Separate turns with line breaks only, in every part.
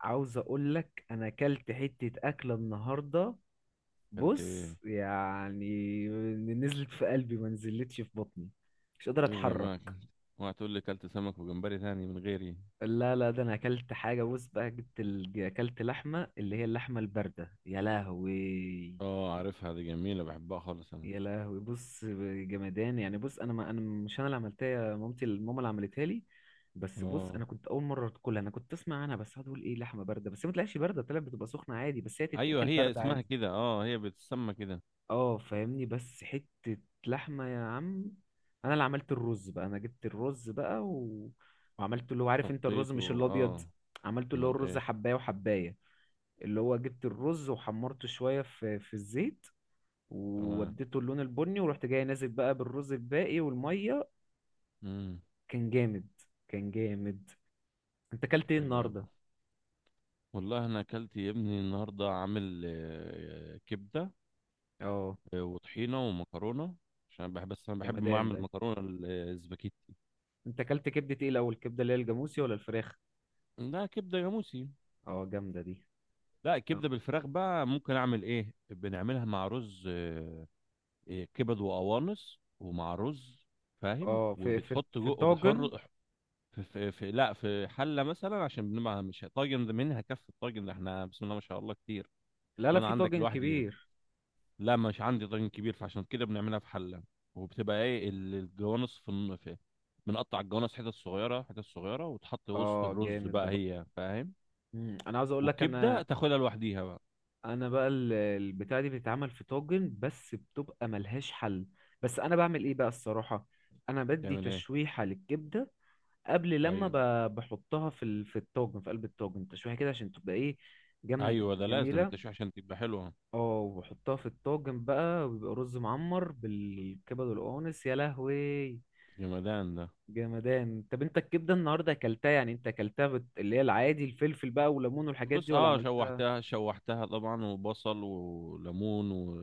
عاوز اقول لك انا اكلت حتة اكلة النهاردة.
اكلت
بص
ايه؟
يعني. نزلت في قلبي، ما نزلتش في بطني. مش قادر
ايه ده
اتحرك.
بقى اكلت؟ اوعى تقول لي اكلت سمك وجمبري تاني من غيري.
لا لا، ده انا اكلت حاجة. بص بقى، جبت اكلت لحمة، اللي هي اللحمة الباردة. يا لهوي،
اه، عارفها دي، جميله، بحبها خالص انا.
يا لهوي بص. جمدان يعني. بص انا مش انا اللي عملتها، يا مامتي الماما اللي عملتها لي. بس بص،
اه،
انا كنت اول مره تاكلها. انا كنت اسمع عنها بس. هقعد اقول ايه، لحمه بارده، بس هي ما طلعتش بارده، طلعت بتبقى سخنه عادي، بس هي
ايوه
تتاكل
هي
بارده
اسمها
عادي.
كده، اه هي بتسمى كده.
اه فاهمني، بس حتة لحمة يا عم. انا اللي عملت الرز بقى. انا جبت الرز بقى وعملته، اللي هو عارف انت،
صفيت
الرز مش الابيض.
اه.
عملته اللي هو
امال
الرز
ايه؟
حباية وحباية. اللي هو جبت الرز وحمرته شوية في الزيت،
تمام.
ووديته اللون البني، ورحت جاي نازل بقى بالرز الباقي والمية.
امم.
كان جامد، كان جامد. انت اكلت ايه
حلو يا ابو.
النهاردة؟
والله انا اكلت يا ابني النهارده عامل كبده،
اه
وطحينه ومكرونه. عشان أنا بحب، بس انا بحب ما
جمدان
اعمل
ده.
مكرونه الاسباجيتي.
انت اكلت كبدة ايه الاول، الكبدة اللي هي الجاموسي ولا الفراخ؟
لا كبده جاموسي.
اه جامدة دي.
لا الكبده بالفراخ بقى ممكن اعمل ايه، بنعملها مع رز. إيه، كبد وقوانص ومع رز. فاهم؟
اه في في
وبتحط
في
جو
الطاجن.
وبتحر. في لا في حله مثلا، عشان بنبقى مش طاجن. ده منها كف الطاجن ده، احنا بسم الله ما شاء الله كتير.
لا لا،
وانا
في
عندك
طاجن
لوحدي.
كبير.
لا مش عندي طاجن كبير، فعشان كده بنعملها في حله. وبتبقى ايه الجوانص في، بنقطع الجوانص حتت صغيره حتت صغيره وتحط وسط
اه
الرز
جامد ده
بقى
برضه.
هي، فاهم؟
انا عاوز اقول لك
والكبده
انا.
تاخدها لوحديها بقى.
انا بقى البتاعه دي بتتعمل في طاجن، بس بتبقى ملهاش حل. بس انا بعمل ايه بقى الصراحه. انا بدي
تعمل ايه؟
تشويحه للكبده قبل لما
ايوه،
بحطها في الطاجن، في قلب الطاجن، تشويحه كده عشان تبقى ايه،
ايوه ده لازم
جميله.
التشويح عشان تبقى حلوه.
اه وبحطها في الطاجن بقى، وبيبقى رز معمر بالكبد والقوانص. يا لهوي
جمدان ده.
جمدان. طب انت الكبده النهارده اكلتها، يعني انت اكلتها اللي هي العادي، الفلفل بقى وليمون والحاجات دي،
بص،
ولا
اه
عملتها؟
شوحتها شوحتها طبعا، وبصل وليمون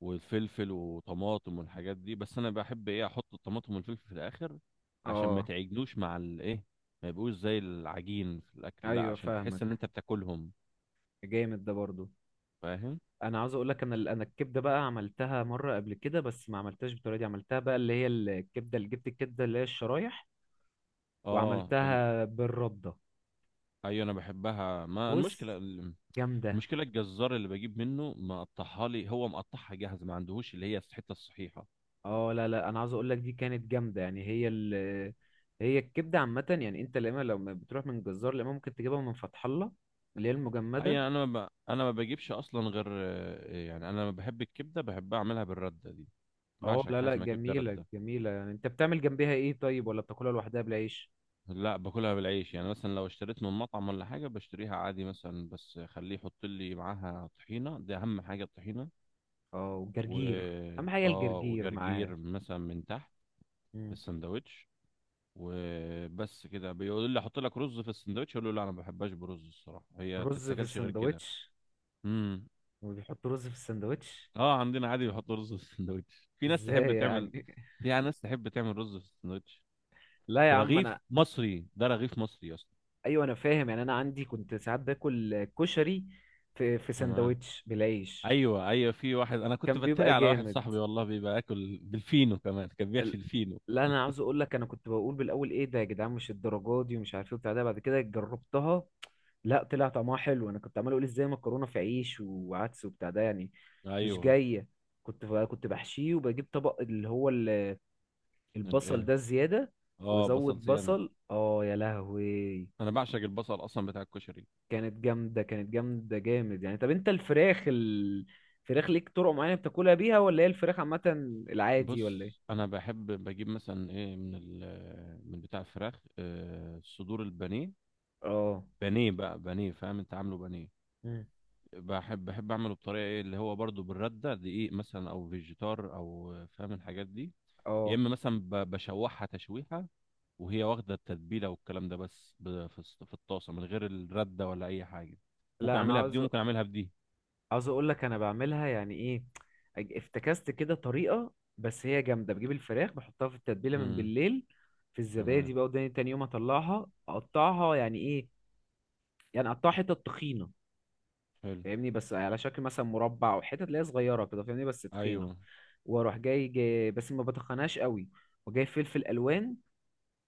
والفلفل وطماطم والحاجات دي. بس انا بحب ايه، احط الطماطم والفلفل في الاخر، عشان ما
اه
تعجنوش مع الايه، ما يبقوش زي العجين في الاكل، لا
ايوه
عشان تحس ان
فاهمك.
انت بتاكلهم.
جامد ده برضو.
فاهم؟
انا عاوز اقول لك انا انا الكبده بقى، عملتها مره قبل كده بس ما عملتهاش بالطريقه دي. عملتها بقى اللي هي الكبده، اللي جبت الكبده اللي هي الشرايح،
اه
وعملتها بالرده.
ايوه انا بحبها. ما
بص
المشكله
جامده.
المشكله الجزار اللي بجيب منه مقطعها لي، هو مقطعها جاهز، ما عندهوش اللي هي الحته الصحيحه.
اه لا لا، انا عاوز اقول لك دي كانت جامده يعني. هي الكبده عامه يعني، انت لما لو بتروح من جزار، لما ممكن تجيبها من فتح الله، اللي هي
اي،
المجمده.
انا ما بجيبش اصلا غير، يعني انا لما بحب الكبده بحب اعملها بالرده دي.
اه
بعشق
لا
حاجه
لا،
اسمها كبده
جميلة
رده.
جميلة يعني. انت بتعمل جنبها ايه طيب، ولا بتاكلها لوحدها بالعيش؟
لا باكلها بالعيش. يعني مثلا لو اشتريت من مطعم ولا حاجه بشتريها عادي، مثلا بس خليه يحط لي معاها طحينه، دي اهم حاجه الطحينه.
اه
و
والجرجير. اهم حاجة
اه،
الجرجير معاها.
وجرجير مثلا من تحت، في
مم.
السندوتش. وبس كده. بيقول لي احط لك رز في السندوتش، اقول له لا انا ما بحبهاش برز الصراحه، هي
رز في
تتاكلش غير كده.
السندوتش.
امم.
وبيحط رز في السندوتش؟
اه، عندنا عادي بيحطوا رز في السندوتش، في ناس تحب
ازاي
تعمل،
يعني؟
في ناس تحب تعمل رز في السندوتش.
لا يا
في
عم
رغيف
انا.
مصري، ده رغيف مصري اصلا.
ايوه انا فاهم يعني. انا عندي كنت ساعات باكل كشري في
تمام.
سندوتش بالعيش.
ايوه، ايوه في واحد انا كنت
كان
بتريق
بيبقى
على واحد
جامد.
صاحبي والله، بيبقى ياكل بالفينو كمان، كان بيحشي الفينو.
لا انا عاوز اقول لك، انا كنت بقول بالاول ايه ده يا جدعان، مش الدرجات دي ومش عارف ايه وبتاع ده، بعد كده جربتها. لا طلع طعمها حلو. انا كنت عمال اقول ازاي مكرونه في عيش وعدس وبتاع ده يعني، مش
ايوه.
جايه. كنت بحشيه وبجيب طبق اللي هو البصل
الايه؟
ده الزياده،
اه، بصل
وازود
زياده.
بصل. اه يا لهوي.
انا بعشق البصل اصلا بتاع الكشري.
كانت جامده، كانت جامده، جامد يعني. طب انت الفراخ الفراخ ليك طرق معينه بتاكلها بيها، ولا هي الفراخ عامه العادي ولا ايه؟
بص، انا بحب بجيب مثلا ايه، من من بتاع الفراخ، صدور البانيه.
اه
بانيه بقى، بانيه، فاهم؟ انت عامله بانيه.
مم.
بحب اعمله بطريقه ايه، اللي هو برضو بالرده، دقيق مثلا او فيجيتار او، فاهم الحاجات دي. يا
اه
اما مثلا بشوحها تشويحه، وهي واخده التتبيله والكلام ده، بس في في الطاسه من غير الرده ولا اي حاجه. ممكن
لا انا
اعملها بدي
عاوز
وممكن اعملها بدي.
عاوز اقول لك انا بعملها يعني ايه، افتكست كده طريقه بس هي جامده. بجيب الفراخ بحطها في التتبيله من
امم.
بالليل في
تمام.
الزبادي بقى، وداني تاني يوم اطلعها اقطعها، يعني ايه، يعني اقطعها حتت تخينه.
حلو.
فاهمني، بس على شكل مثلا مربع او حتت اللي هي صغيره كده، فاهمني بس تخينه.
ايوه.
واروح جاي بس ما بتخناش قوي، وجاي فلفل الوان،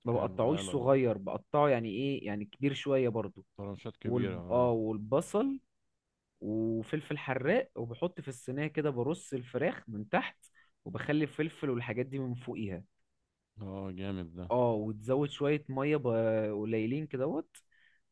ما
حلو، اه،
بقطعوش
لا،
صغير، بقطعه يعني ايه، يعني كبير شويه برضو.
طرنشات كبيره،
اه
اه.
والبصل وفلفل حراق، وبحط في الصينية كده، برص الفراخ من تحت وبخلي الفلفل والحاجات دي من فوقيها.
اه جامد ده.
اه وتزود شوية مية قليلين كدهوت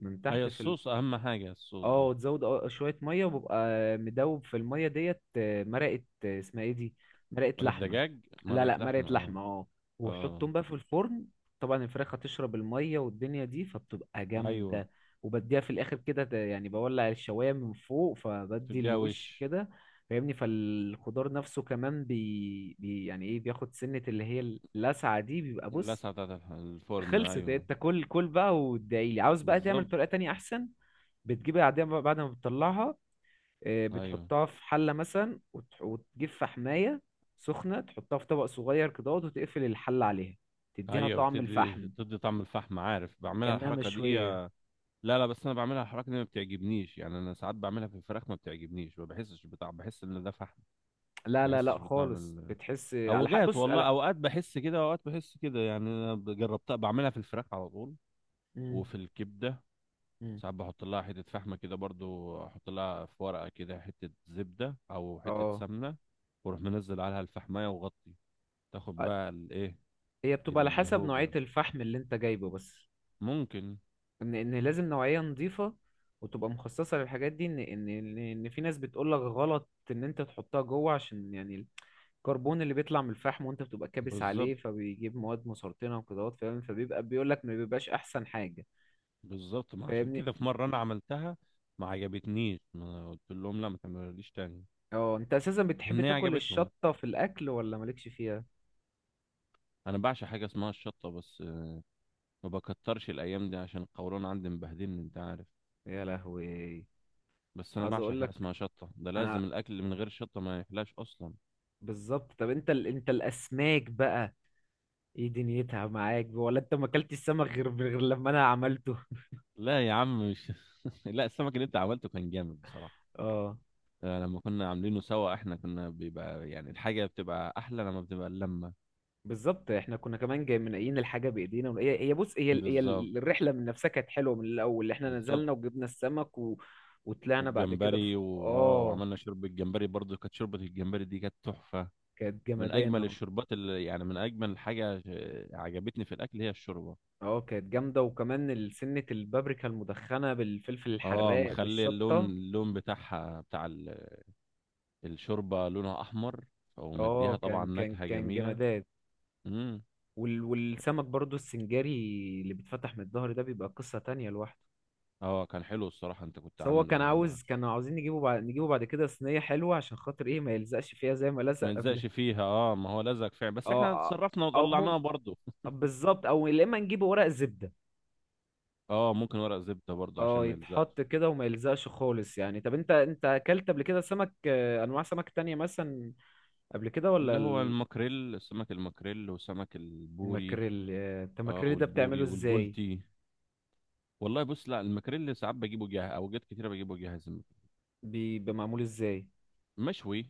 من
ايوه
تحت في.
الصوص، اهم حاجه الصوص
اه
ده.
وتزود شويه ميه وببقى مدوب في الميه ديت، مرقه، اسمها ايه دي، مرقه
مرقه
لحمه.
دجاج،
لا
مرقه
لا، مرقه
لحمه، اه.
لحمه اه.
اه.
وحطهم بقى في الفرن. طبعا الفراخ هتشرب الميه والدنيا دي، فبتبقى
ايوه.
جامده. وبديها في الاخر كده، يعني بولع الشوايه من فوق فبدي
تديها
الوش
وش.
كده، فاهمني. فالخضار نفسه كمان بي, بي يعني ايه، بياخد سنه اللي هي اللسعه دي، بيبقى بص.
اللسعة بتاعت الفرن
خلصت
أيوه.
انت؟ كل كل بقى وادعيلي. عاوز بقى تعمل
بالظبط.
طريقه تانية احسن. بتجيب العادية بقى بعد ما بتطلعها،
أيوه.
بتحطها في حلة مثلا، وتجيب فحماية سخنة، تحطها في طبق صغير كده وتقفل الحلة عليها، تديها
أيوه
طعم
بتدي
الفحم،
تدي طعم الفحم، عارف بعملها
كأنها
الحركة دي.
مشوية.
لا لا، بس أنا بعملها الحركة دي ما بتعجبنيش. يعني أنا ساعات بعملها في الفراخ ما بتعجبنيش، ما بحسش بطعم، بحس إن ده فحم.
لا
ما
لا
بحسش
لا،
بطعم
خالص.
ال.
بتحس على حق،
أوجات
بص
والله،
لا.
أوقات بحس كده، أوقات بحس كده. يعني أنا جربتها بعملها في الفراخ على طول،
مم،
وفي الكبدة.
مم.
ساعات بحط لها حتة فحمة كده برضو، أحط لها في ورقة كده حتة زبدة أو حتة
اه
سمنة، وأروح منزل عليها الفحماية وغطي. تاخد
آه،
بقى الايه،
هي بتبقى على حسب نوعية
الهوجة.
الفحم اللي انت جايبه بس.
ممكن.
ان لازم نوعية نظيفة وتبقى مخصصة للحاجات دي. ان ان ان إن في ناس بتقولك غلط ان انت تحطها جوه، عشان يعني كربون اللي بيطلع من الفحم وانت بتبقى كابس
بالظبط.
عليه، فبيجيب مواد مسرطنه وكده، فاهم، فبيبقى بيقول لك ما بيبقاش احسن حاجه.
بالظبط، ما عشان
فاهمني.
كده في مرة أنا عملتها ما عجبتنيش، ما قلت لهم لا ما تعملوليش تاني.
اه انت اساسا بتحب
هي
تاكل
عجبتهم.
الشطه في الاكل، ولا مالكش فيها؟
أنا بعشق حاجة اسمها الشطة، بس ما بكترش الأيام دي عشان القولون عندي مبهدلني، أنت عارف.
يا لهوي.
بس أنا
عايز
بعشق
اقول
حاجة
لك
اسمها شطة، ده لازم
انا،
الأكل اللي من غير شطة ما يحلاش أصلا.
بالظبط. طب انت انت الاسماك بقى، ايه دنيتها معاك، ولا انت ما اكلتش السمك غير لما انا عملته؟
لا يا عم مش لا السمك اللي أنت عملته كان جامد بصراحة.
اه
لما كنا عاملينه سوا احنا، كنا بيبقى يعني الحاجة بتبقى أحلى لما بتبقى اللمة.
بالظبط، احنا كنا كمان جاي منقيين الحاجه بايدينا، هي بص،
بالظبط.
الرحله من نفسها كانت حلوه. من الاول احنا
بالظبط.
نزلنا وجبنا السمك وطلعنا بعد كده في
والجمبري،
اه.
وعملنا شوربه الجمبري برضو، كانت شوربه الجمبري دي كانت تحفه.
كانت
من
جمدانه
اجمل
اه.
الشوربات اللي يعني من اجمل حاجه عجبتني في الاكل، هي الشوربه.
كانت جامده. وكمان سنه البابريكا المدخنه بالفلفل
اه،
الحراق
مخلي اللون،
بالشطه.
اللون بتاعها، بتاع الشوربه، لونها احمر، ومديها
اه
طبعا
كان كان
نكهه
كان
جميله.
جمدان.
امم.
والسمك برضو السنجاري، اللي بيتفتح من الظهر ده، بيبقى قصه تانية لوحده.
اه كان حلو الصراحه، انت كنت
بس هو
عامله
كان
لما
عاوز، كانوا عاوزين نجيبه بعد كده صينيه حلوه، عشان خاطر ايه، ما يلزقش فيها زي ما لزق
ما
قبل.
يلزقش فيها، اه ما هو لزق فعلا، بس احنا
اه
اتصرفنا
او
وطلعناها برضو
بالظبط. او يا اما نجيب ورق زبده.
اه ممكن ورق زبده برضو عشان
اه
ما يلزقش.
يتحط كده وما يلزقش خالص يعني. طب انت اكلت قبل كده سمك، انواع سمك تانية مثلا قبل كده، ولا
اللي هو الماكريل، سمك الماكريل وسمك البوري.
الماكريل، انت
اه،
الماكريل ده بتعمله
والبوري
ازاي،
والبولتي. والله بص، لا المكريل ساعات بجيبه جاهز، اوجات كتيره بجيبه جاهز.
بيبقى معمول ازاي؟
مشوي.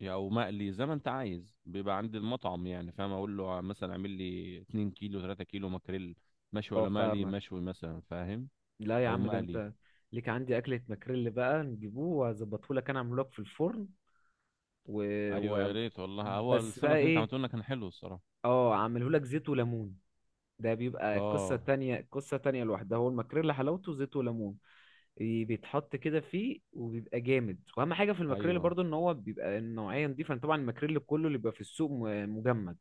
يعني او مقلي، زي ما انت عايز بيبقى عند المطعم، يعني فاهم، اقول له مثلا اعمل لي 2 كيلو، 3 كيلو مكريل، مشوي
اه
ولا مقلي،
فاهمك.
مشوي مثلا، فاهم.
لا يا
او
عم ده
مقلي.
انت ليك عندي اكله ماكريل بقى، نجيبوه واظبطه لك. انا اعمله لك في الفرن و...
ايوه يا
و...
ريت والله، هو
بس بقى
السمك اللي انت
ايه،
عملته لنا كان حلو الصراحه.
اه اعمله لك زيت وليمون. ده بيبقى قصة
اه.
تانية، قصة تانية لوحدها. هو الماكريلا حلاوته زيت وليمون، بيتحط كده فيه وبيبقى جامد. واهم حاجة في الماكريلا
ايوه
برضو، ان هو بيبقى النوعية نضيفة. أنا طبعا الماكريلا كله اللي بيبقى في السوق مجمد.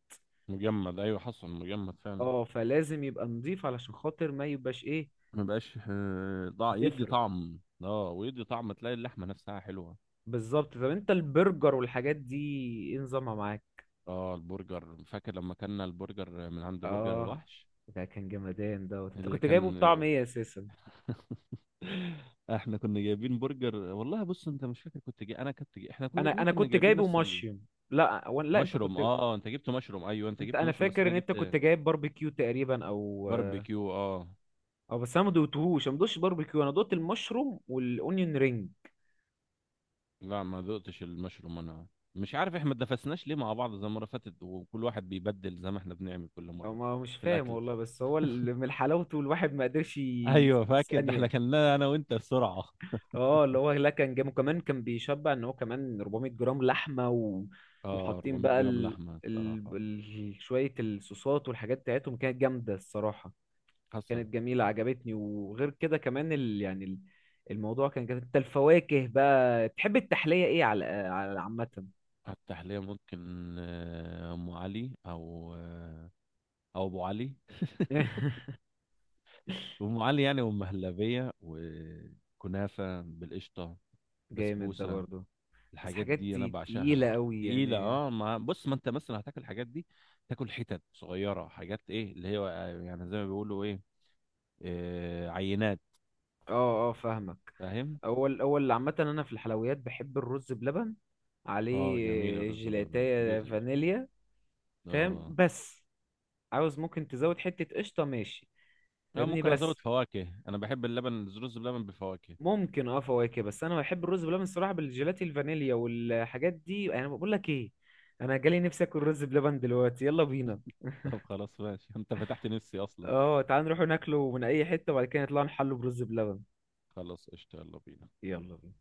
مجمد، ايوه حصل مجمد فعلا.
اه فلازم يبقى نضيف علشان خاطر ما يبقاش ايه،
ما بقاش ضاع، يدي
زفر.
طعم، اه ويدي طعم تلاقي اللحمه نفسها حلوه.
بالظبط. طب انت البرجر والحاجات دي، ايه نظامها معاك؟
اه، البرجر فاكر لما كنا البرجر من عند برجر
اه
الوحش.
ده كان جمدان دوت. انت
اللي
كنت جايبه
كان.
بطعم ايه اساسا؟
احنا كنا جايبين برجر والله، بص انت مش فاكر، كنت جاي، انا كنت جاي، احنا كنا
انا
الاتنين
انا
كنا
كنت
جايبين
جايبه
نفس
مشيوم. لا ولا لا انت
المشروم،
كنت.
اه، انت جبت مشروم، ايوه انت جبت
انا
مشروم، بس
فاكر
انا
ان انت كنت
جبت
جايب باربيكيو تقريبا، او.
باربيكيو، اه.
او بس انا ما دوقتش باربيكيو، انا دوقت المشروم والاونيون رينج.
لا ما ذقتش المشروم انا. مش عارف احنا ما اتنفسناش ليه مع بعض زي المره اللي فاتت، وكل واحد بيبدل زي ما احنا بنعمل كل
او
مره.
ما مش
في
فاهم
الاكل.
والله. بس هو اللي من حلاوته الواحد ما قدرش
ايوه
يسيبه
فاكر ده، احنا
ثانيه.
كلناه انا وانت بسرعه.
اه اللي هو لا، كان جامد، وكمان كان بيشبع، ان هو كمان 400 جرام لحمه
اه
وحاطين
400
بقى
جرام لحمه الصراحه.
شويه الصوصات والحاجات بتاعتهم، كانت جامده الصراحه.
حصل.
كانت جميلة عجبتني. وغير كده كمان يعني الموضوع كان جميل. انت الفواكه بقى، تحب التحلية ايه، على عامة؟
على التحلية ممكن أم علي أو، أو أبو علي. أم علي يعني، أم هلبية، وكنافة بالقشطة،
جامد ده
بسبوسة،
برضو. بس
الحاجات
حاجات
دي أنا بعشقها.
تقيلة قوي
تقيلة
يعني.
اه، مع بص ما انت مثلا هتاكل الحاجات دي، تاكل حتت صغيرة، حاجات ايه اللي هي، يعني زي ما بيقولوا ايه، آه، عينات.
اه اه فاهمك.
فاهم.
اول اول عامة انا في الحلويات بحب الرز بلبن،
اه جميل،
عليه
الرز بلبن
جيلاتية
جزء.
فانيليا. فاهم
اه.
بس، عاوز ممكن تزود حتة قشطة ماشي.
اه
فاهمني
ممكن ازود
بس.
فواكه، انا بحب اللبن، الرز بلبن بفواكه.
ممكن فواكه، بس انا بحب الرز بلبن الصراحه بالجيلاتي الفانيليا والحاجات دي. انا بقول لك ايه، انا جالي نفسي اكل رز بلبن دلوقتي، يلا بينا.
طب خلاص ماشي، انت فتحت نفسي اصلا.
اه تعال نروح ناكله من اي حته وبعد كده نطلع نحله برز بلبن.
خلاص قشطة، يلا بينا.
يلا بينا.